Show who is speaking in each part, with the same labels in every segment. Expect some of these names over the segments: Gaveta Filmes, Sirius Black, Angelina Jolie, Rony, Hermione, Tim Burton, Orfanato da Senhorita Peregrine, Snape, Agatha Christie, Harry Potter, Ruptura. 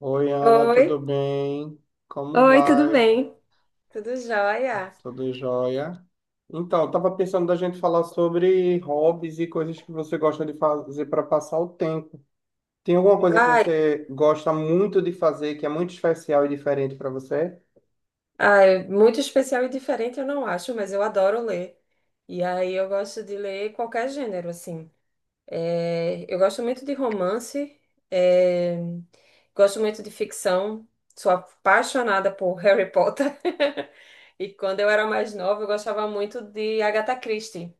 Speaker 1: Oi, Ana,
Speaker 2: Oi,
Speaker 1: tudo bem? Como
Speaker 2: Oi, tudo
Speaker 1: vai?
Speaker 2: bem? Tudo jóia?
Speaker 1: Tudo jóia? Então, eu tava pensando da gente falar sobre hobbies e coisas que você gosta de fazer para passar o tempo. Tem alguma coisa que
Speaker 2: Ai,
Speaker 1: você gosta muito de fazer que é muito especial e diferente para você?
Speaker 2: ai, muito especial e diferente eu não acho, mas eu adoro ler. E aí eu gosto de ler qualquer gênero, assim. É, eu gosto muito de romance, é, gosto muito de ficção, sou apaixonada por Harry Potter. E quando eu era mais nova, eu gostava muito de Agatha Christie,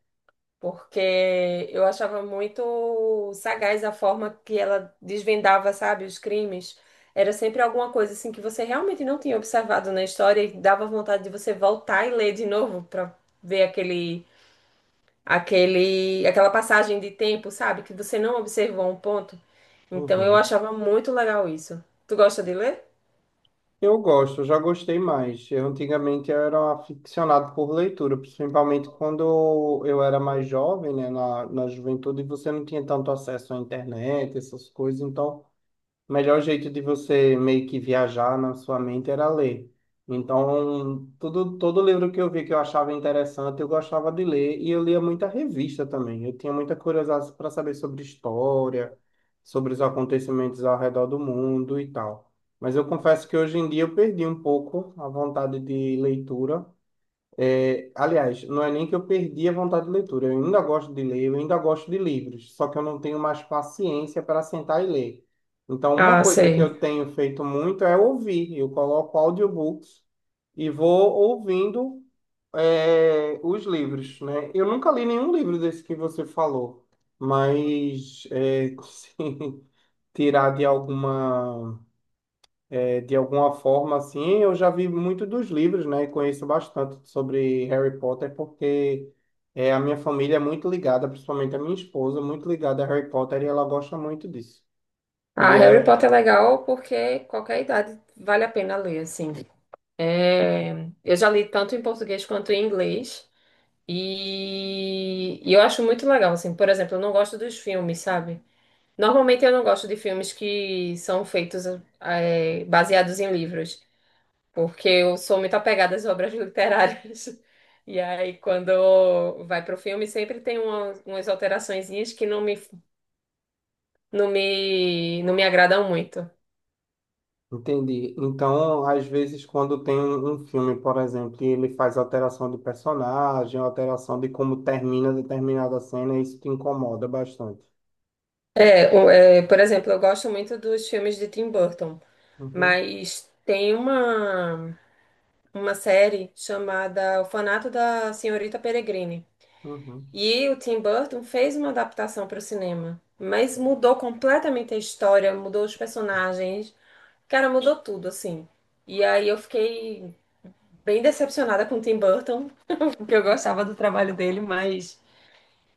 Speaker 2: porque eu achava muito sagaz a forma que ela desvendava, sabe, os crimes. Era sempre alguma coisa assim que você realmente não tinha observado na história e dava vontade de você voltar e ler de novo para ver aquela passagem de tempo, sabe, que você não observou um ponto. Então eu
Speaker 1: Uhum.
Speaker 2: achava muito legal isso. Tu gosta de ler?
Speaker 1: Eu gosto, eu já gostei mais. Eu antigamente eu era aficionado por leitura, principalmente quando eu era mais jovem, né, na juventude, você não tinha tanto acesso à internet, essas coisas, então o melhor jeito de você meio que viajar na sua mente era ler. Então, tudo, todo livro que eu vi que eu achava interessante, eu gostava de ler e eu lia muita revista também. Eu tinha muita curiosidade para saber sobre história, sobre os acontecimentos ao redor do mundo e tal. Mas eu confesso que hoje em dia eu perdi um pouco a vontade de leitura. É, aliás, não é nem que eu perdi a vontade de leitura, eu ainda gosto de ler, eu ainda gosto de livros, só que eu não tenho mais paciência para sentar e ler. Então, uma
Speaker 2: Ah,
Speaker 1: coisa que
Speaker 2: sei.
Speaker 1: eu tenho feito muito é ouvir. Eu coloco audiobooks e vou ouvindo, os livros, né? Eu nunca li nenhum livro desse que você falou, mas se tirar de alguma. É, de alguma forma, assim, eu já vi muito dos livros, né? E conheço bastante sobre Harry Potter, porque a minha família é muito ligada, principalmente a minha esposa, muito ligada a Harry Potter e ela gosta muito disso.
Speaker 2: Ah,
Speaker 1: E
Speaker 2: Harry
Speaker 1: é,
Speaker 2: Potter é legal porque qualquer idade vale a pena ler, assim. É, eu já li tanto em português quanto em inglês e eu acho muito legal, assim, por exemplo, eu não gosto dos filmes, sabe? Normalmente eu não gosto de filmes que são feitos, é, baseados em livros, porque eu sou muito apegada às obras literárias. E aí, quando vai pro filme, sempre tem umas alteraçõezinhas que não me agradam muito.
Speaker 1: entendi. Então, às vezes, quando tem um filme, por exemplo, e ele faz alteração de personagem, alteração de como termina determinada cena, isso te incomoda bastante.
Speaker 2: É, é, por exemplo, eu gosto muito dos filmes de Tim Burton.
Speaker 1: Uhum,
Speaker 2: Mas tem uma série chamada Orfanato da Senhorita Peregrine.
Speaker 1: uhum,
Speaker 2: E o Tim Burton fez uma adaptação para o cinema, mas mudou completamente a história, mudou os personagens, cara, mudou tudo, assim. E aí eu fiquei bem decepcionada com o Tim Burton, porque eu gostava do trabalho dele, mas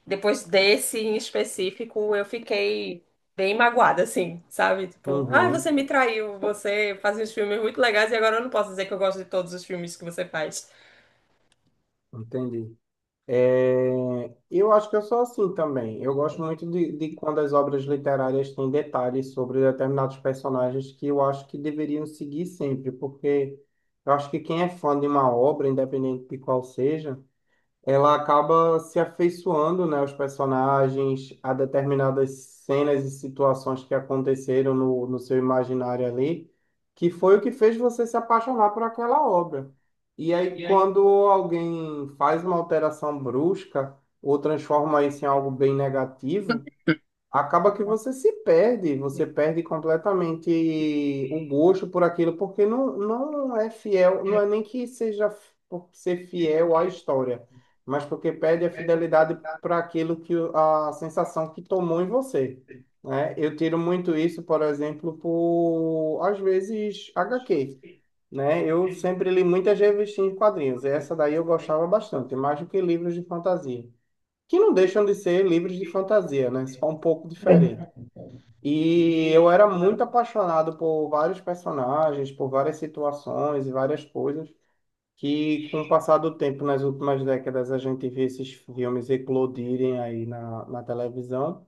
Speaker 2: depois desse em específico, eu fiquei bem magoada, assim, sabe? Tipo, ah, você
Speaker 1: uhum,
Speaker 2: me traiu, você faz uns filmes muito legais e agora eu não posso dizer que eu gosto de todos os filmes que você faz.
Speaker 1: entendi. É, eu acho que eu sou assim também. Eu gosto muito de quando as obras literárias têm detalhes sobre determinados personagens que eu acho que deveriam seguir sempre, porque eu acho que quem é fã de uma obra, independente de qual seja, ela acaba se afeiçoando, né, aos personagens, a determinadas cenas e situações que aconteceram no seu imaginário ali, que foi o que fez você se apaixonar por aquela obra. E aí, quando alguém faz uma alteração brusca ou transforma isso em algo bem negativo, acaba que você se perde, você perde completamente o gosto por aquilo, porque não, não é fiel, não é nem que seja f- por ser fiel à história, mas porque perde a fidelidade para aquilo que o- a sensação que tomou em você. Né? Eu tiro muito isso, por exemplo, por às vezes HQ. Né? Eu sempre li muitas revistinhas de quadrinhos. E essa daí eu gostava bastante, mais do que livros de fantasia que não deixam de ser livros de fantasia, né? Só um pouco diferente. E eu era muito apaixonado por vários personagens, por várias situações e várias coisas que, com o passar do tempo, nas últimas décadas, a gente vê esses filmes eclodirem aí na televisão,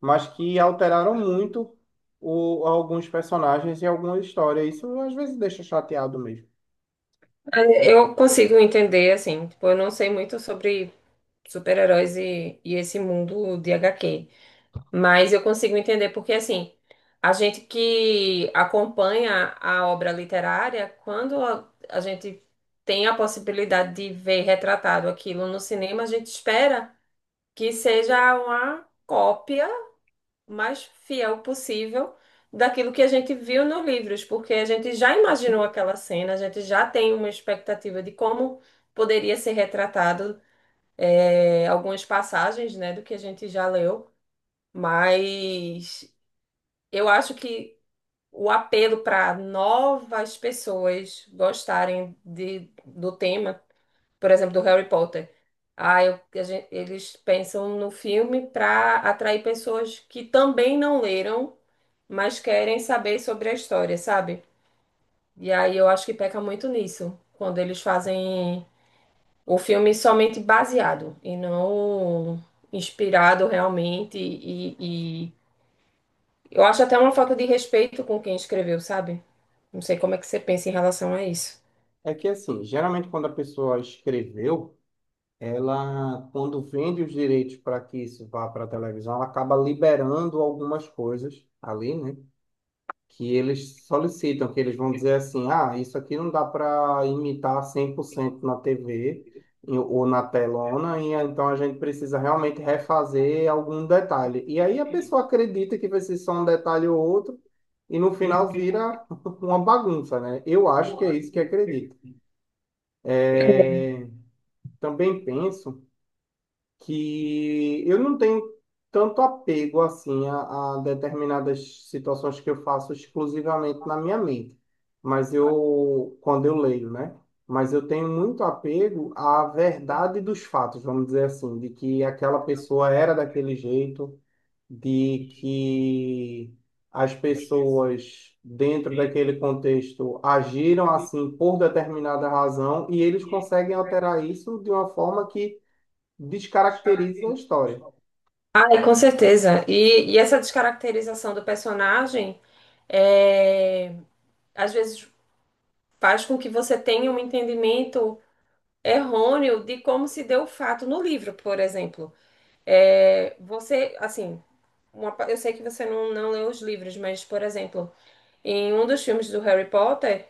Speaker 1: mas que alteraram muito o, alguns personagens e alguma história. Isso às vezes deixa chateado mesmo.
Speaker 2: Eu consigo entender, assim, tipo, eu não sei muito sobre super-heróis e esse mundo de HQ. Mas eu consigo entender porque, assim, a gente que acompanha a obra literária, quando a gente tem a possibilidade de ver retratado aquilo no cinema, a gente espera que seja uma cópia mais fiel possível daquilo que a gente viu nos livros, porque a gente já imaginou aquela cena, a gente já tem uma expectativa de como poderia ser retratado, algumas passagens, né, do que a gente já leu. Mas eu acho que o apelo para novas pessoas gostarem do tema, por exemplo, do Harry Potter. Ah, eles pensam no filme para atrair pessoas que também não leram, mas querem saber sobre a história, sabe? E aí eu acho que peca muito nisso, quando eles fazem o filme somente baseado e não inspirado realmente e eu acho até uma falta de respeito com quem escreveu, sabe? Não sei como é que você pensa em relação a isso.
Speaker 1: É que, assim, geralmente quando a pessoa escreveu, ela, quando vende os direitos para que isso vá para a televisão, ela acaba liberando algumas coisas ali, né? Que eles solicitam, que eles vão dizer assim: ah, isso aqui não dá para imitar 100% na TV e- ou na telona, e então a gente precisa realmente refazer algum detalhe. E aí a pessoa acredita que vai ser só um detalhe ou outro. E no final vira uma bagunça, né? Eu acho que é isso que acredito. É, também penso que eu não tenho tanto apego assim a determinadas situações que eu faço exclusivamente na minha mente, mas eu quando eu leio, né? Mas eu tenho muito apego à verdade dos fatos, vamos dizer assim, de que aquela pessoa era daquele jeito, de que as pessoas dentro daquele contexto agiram assim por determinada razão e eles conseguem alterar isso de uma forma que descaracterizam a história.
Speaker 2: Ai, com certeza. E essa descaracterização do personagem, é, às vezes faz com que você tenha um entendimento errôneo de como se deu o fato no livro, por exemplo. É, você, assim, eu sei que você não leu os livros, mas, por exemplo, em um dos filmes do Harry Potter.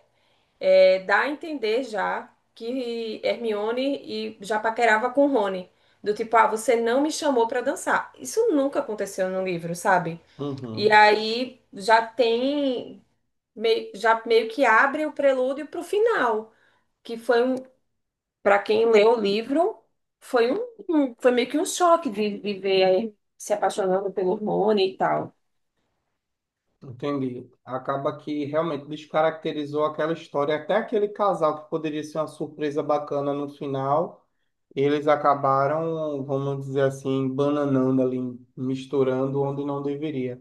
Speaker 2: É, dá a entender já que Hermione e já paquerava com Rony. Do tipo, ah, você não me chamou pra dançar. Isso nunca aconteceu no livro, sabe? E
Speaker 1: Uhum,
Speaker 2: aí já tem, meio, já meio que abre o prelúdio pro final, que foi um, para quem leu o livro, foi foi meio que um choque de viver aí se apaixonando pelo Rony e tal.
Speaker 1: entendi. Acaba que realmente descaracterizou aquela história. Até aquele casal que poderia ser uma surpresa bacana no final, eles acabaram, vamos dizer assim, bananando ali, misturando onde não deveria.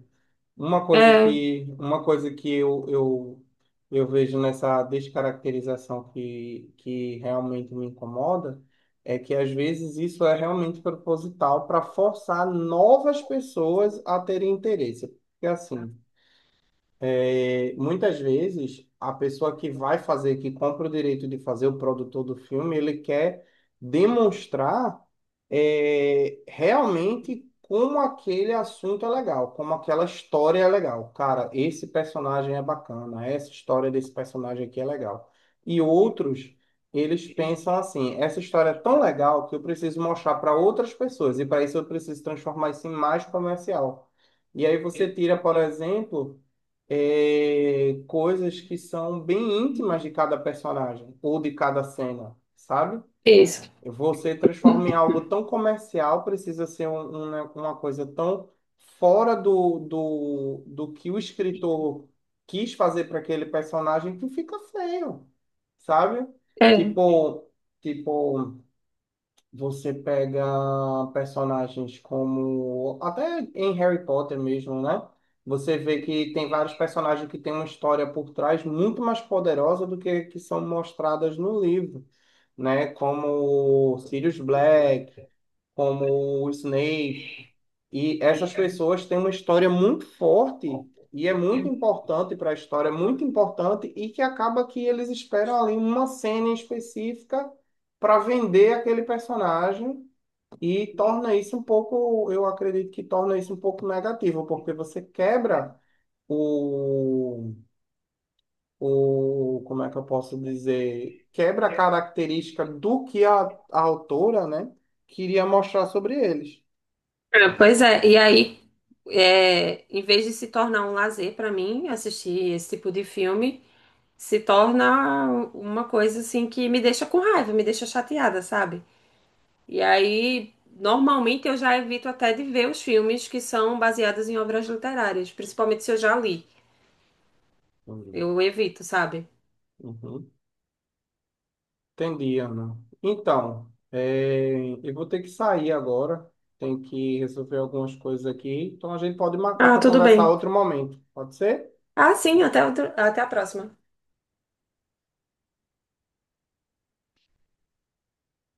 Speaker 2: É,
Speaker 1: Uma coisa que eu vejo nessa descaracterização que realmente me incomoda é que às vezes isso é realmente proposital para forçar novas pessoas a terem interesse. Porque assim, muitas vezes, a pessoa que vai fazer, que compra o direito de fazer o produtor do filme, ele quer demonstrar, realmente como aquele assunto é legal, como aquela história é legal. Cara, esse personagem é bacana, essa história desse personagem aqui é legal. E outros, eles pensam assim: essa história é tão legal que eu preciso mostrar para outras pessoas, e para isso eu preciso transformar isso em mais comercial. E aí você tira, por exemplo coisas que são bem íntimas de cada personagem ou de cada cena, sabe?
Speaker 2: isso.
Speaker 1: Você transforma em algo tão comercial, precisa ser um- uma coisa tão fora do que o escritor quis fazer para aquele personagem que fica feio, sabe?
Speaker 2: É.
Speaker 1: Tipo, tipo. Você pega personagens como. Até em Harry Potter mesmo, né? Você vê que tem vários personagens que têm uma história por trás muito mais poderosa do que são mostradas no livro, né? Como Sirius Black, como o Snape. E essas pessoas têm uma história muito forte e é muito importante para a história, é muito importante e que acaba que eles esperam ali uma cena em específica para vender aquele personagem e torna isso um pouco, eu acredito que torna isso um pouco negativo, porque você quebra o, o, como é que eu posso dizer, quebra a característica do que a autora, né, queria mostrar sobre eles.
Speaker 2: É, pois é, e aí, é, em vez de se tornar um lazer para mim, assistir esse tipo de filme, se torna uma coisa assim que me deixa com raiva, me deixa chateada, sabe? E aí, normalmente eu já evito até de ver os filmes que são baseados em obras literárias, principalmente se eu já li.
Speaker 1: Entendi.
Speaker 2: Eu evito, sabe?
Speaker 1: Uhum. Entendi, Ana. Então, eu vou ter que sair agora, tem que resolver algumas coisas aqui, então a gente pode marcar
Speaker 2: Ah,
Speaker 1: para
Speaker 2: tudo
Speaker 1: conversar
Speaker 2: bem.
Speaker 1: outro momento, pode ser?
Speaker 2: Ah, sim, até a próxima.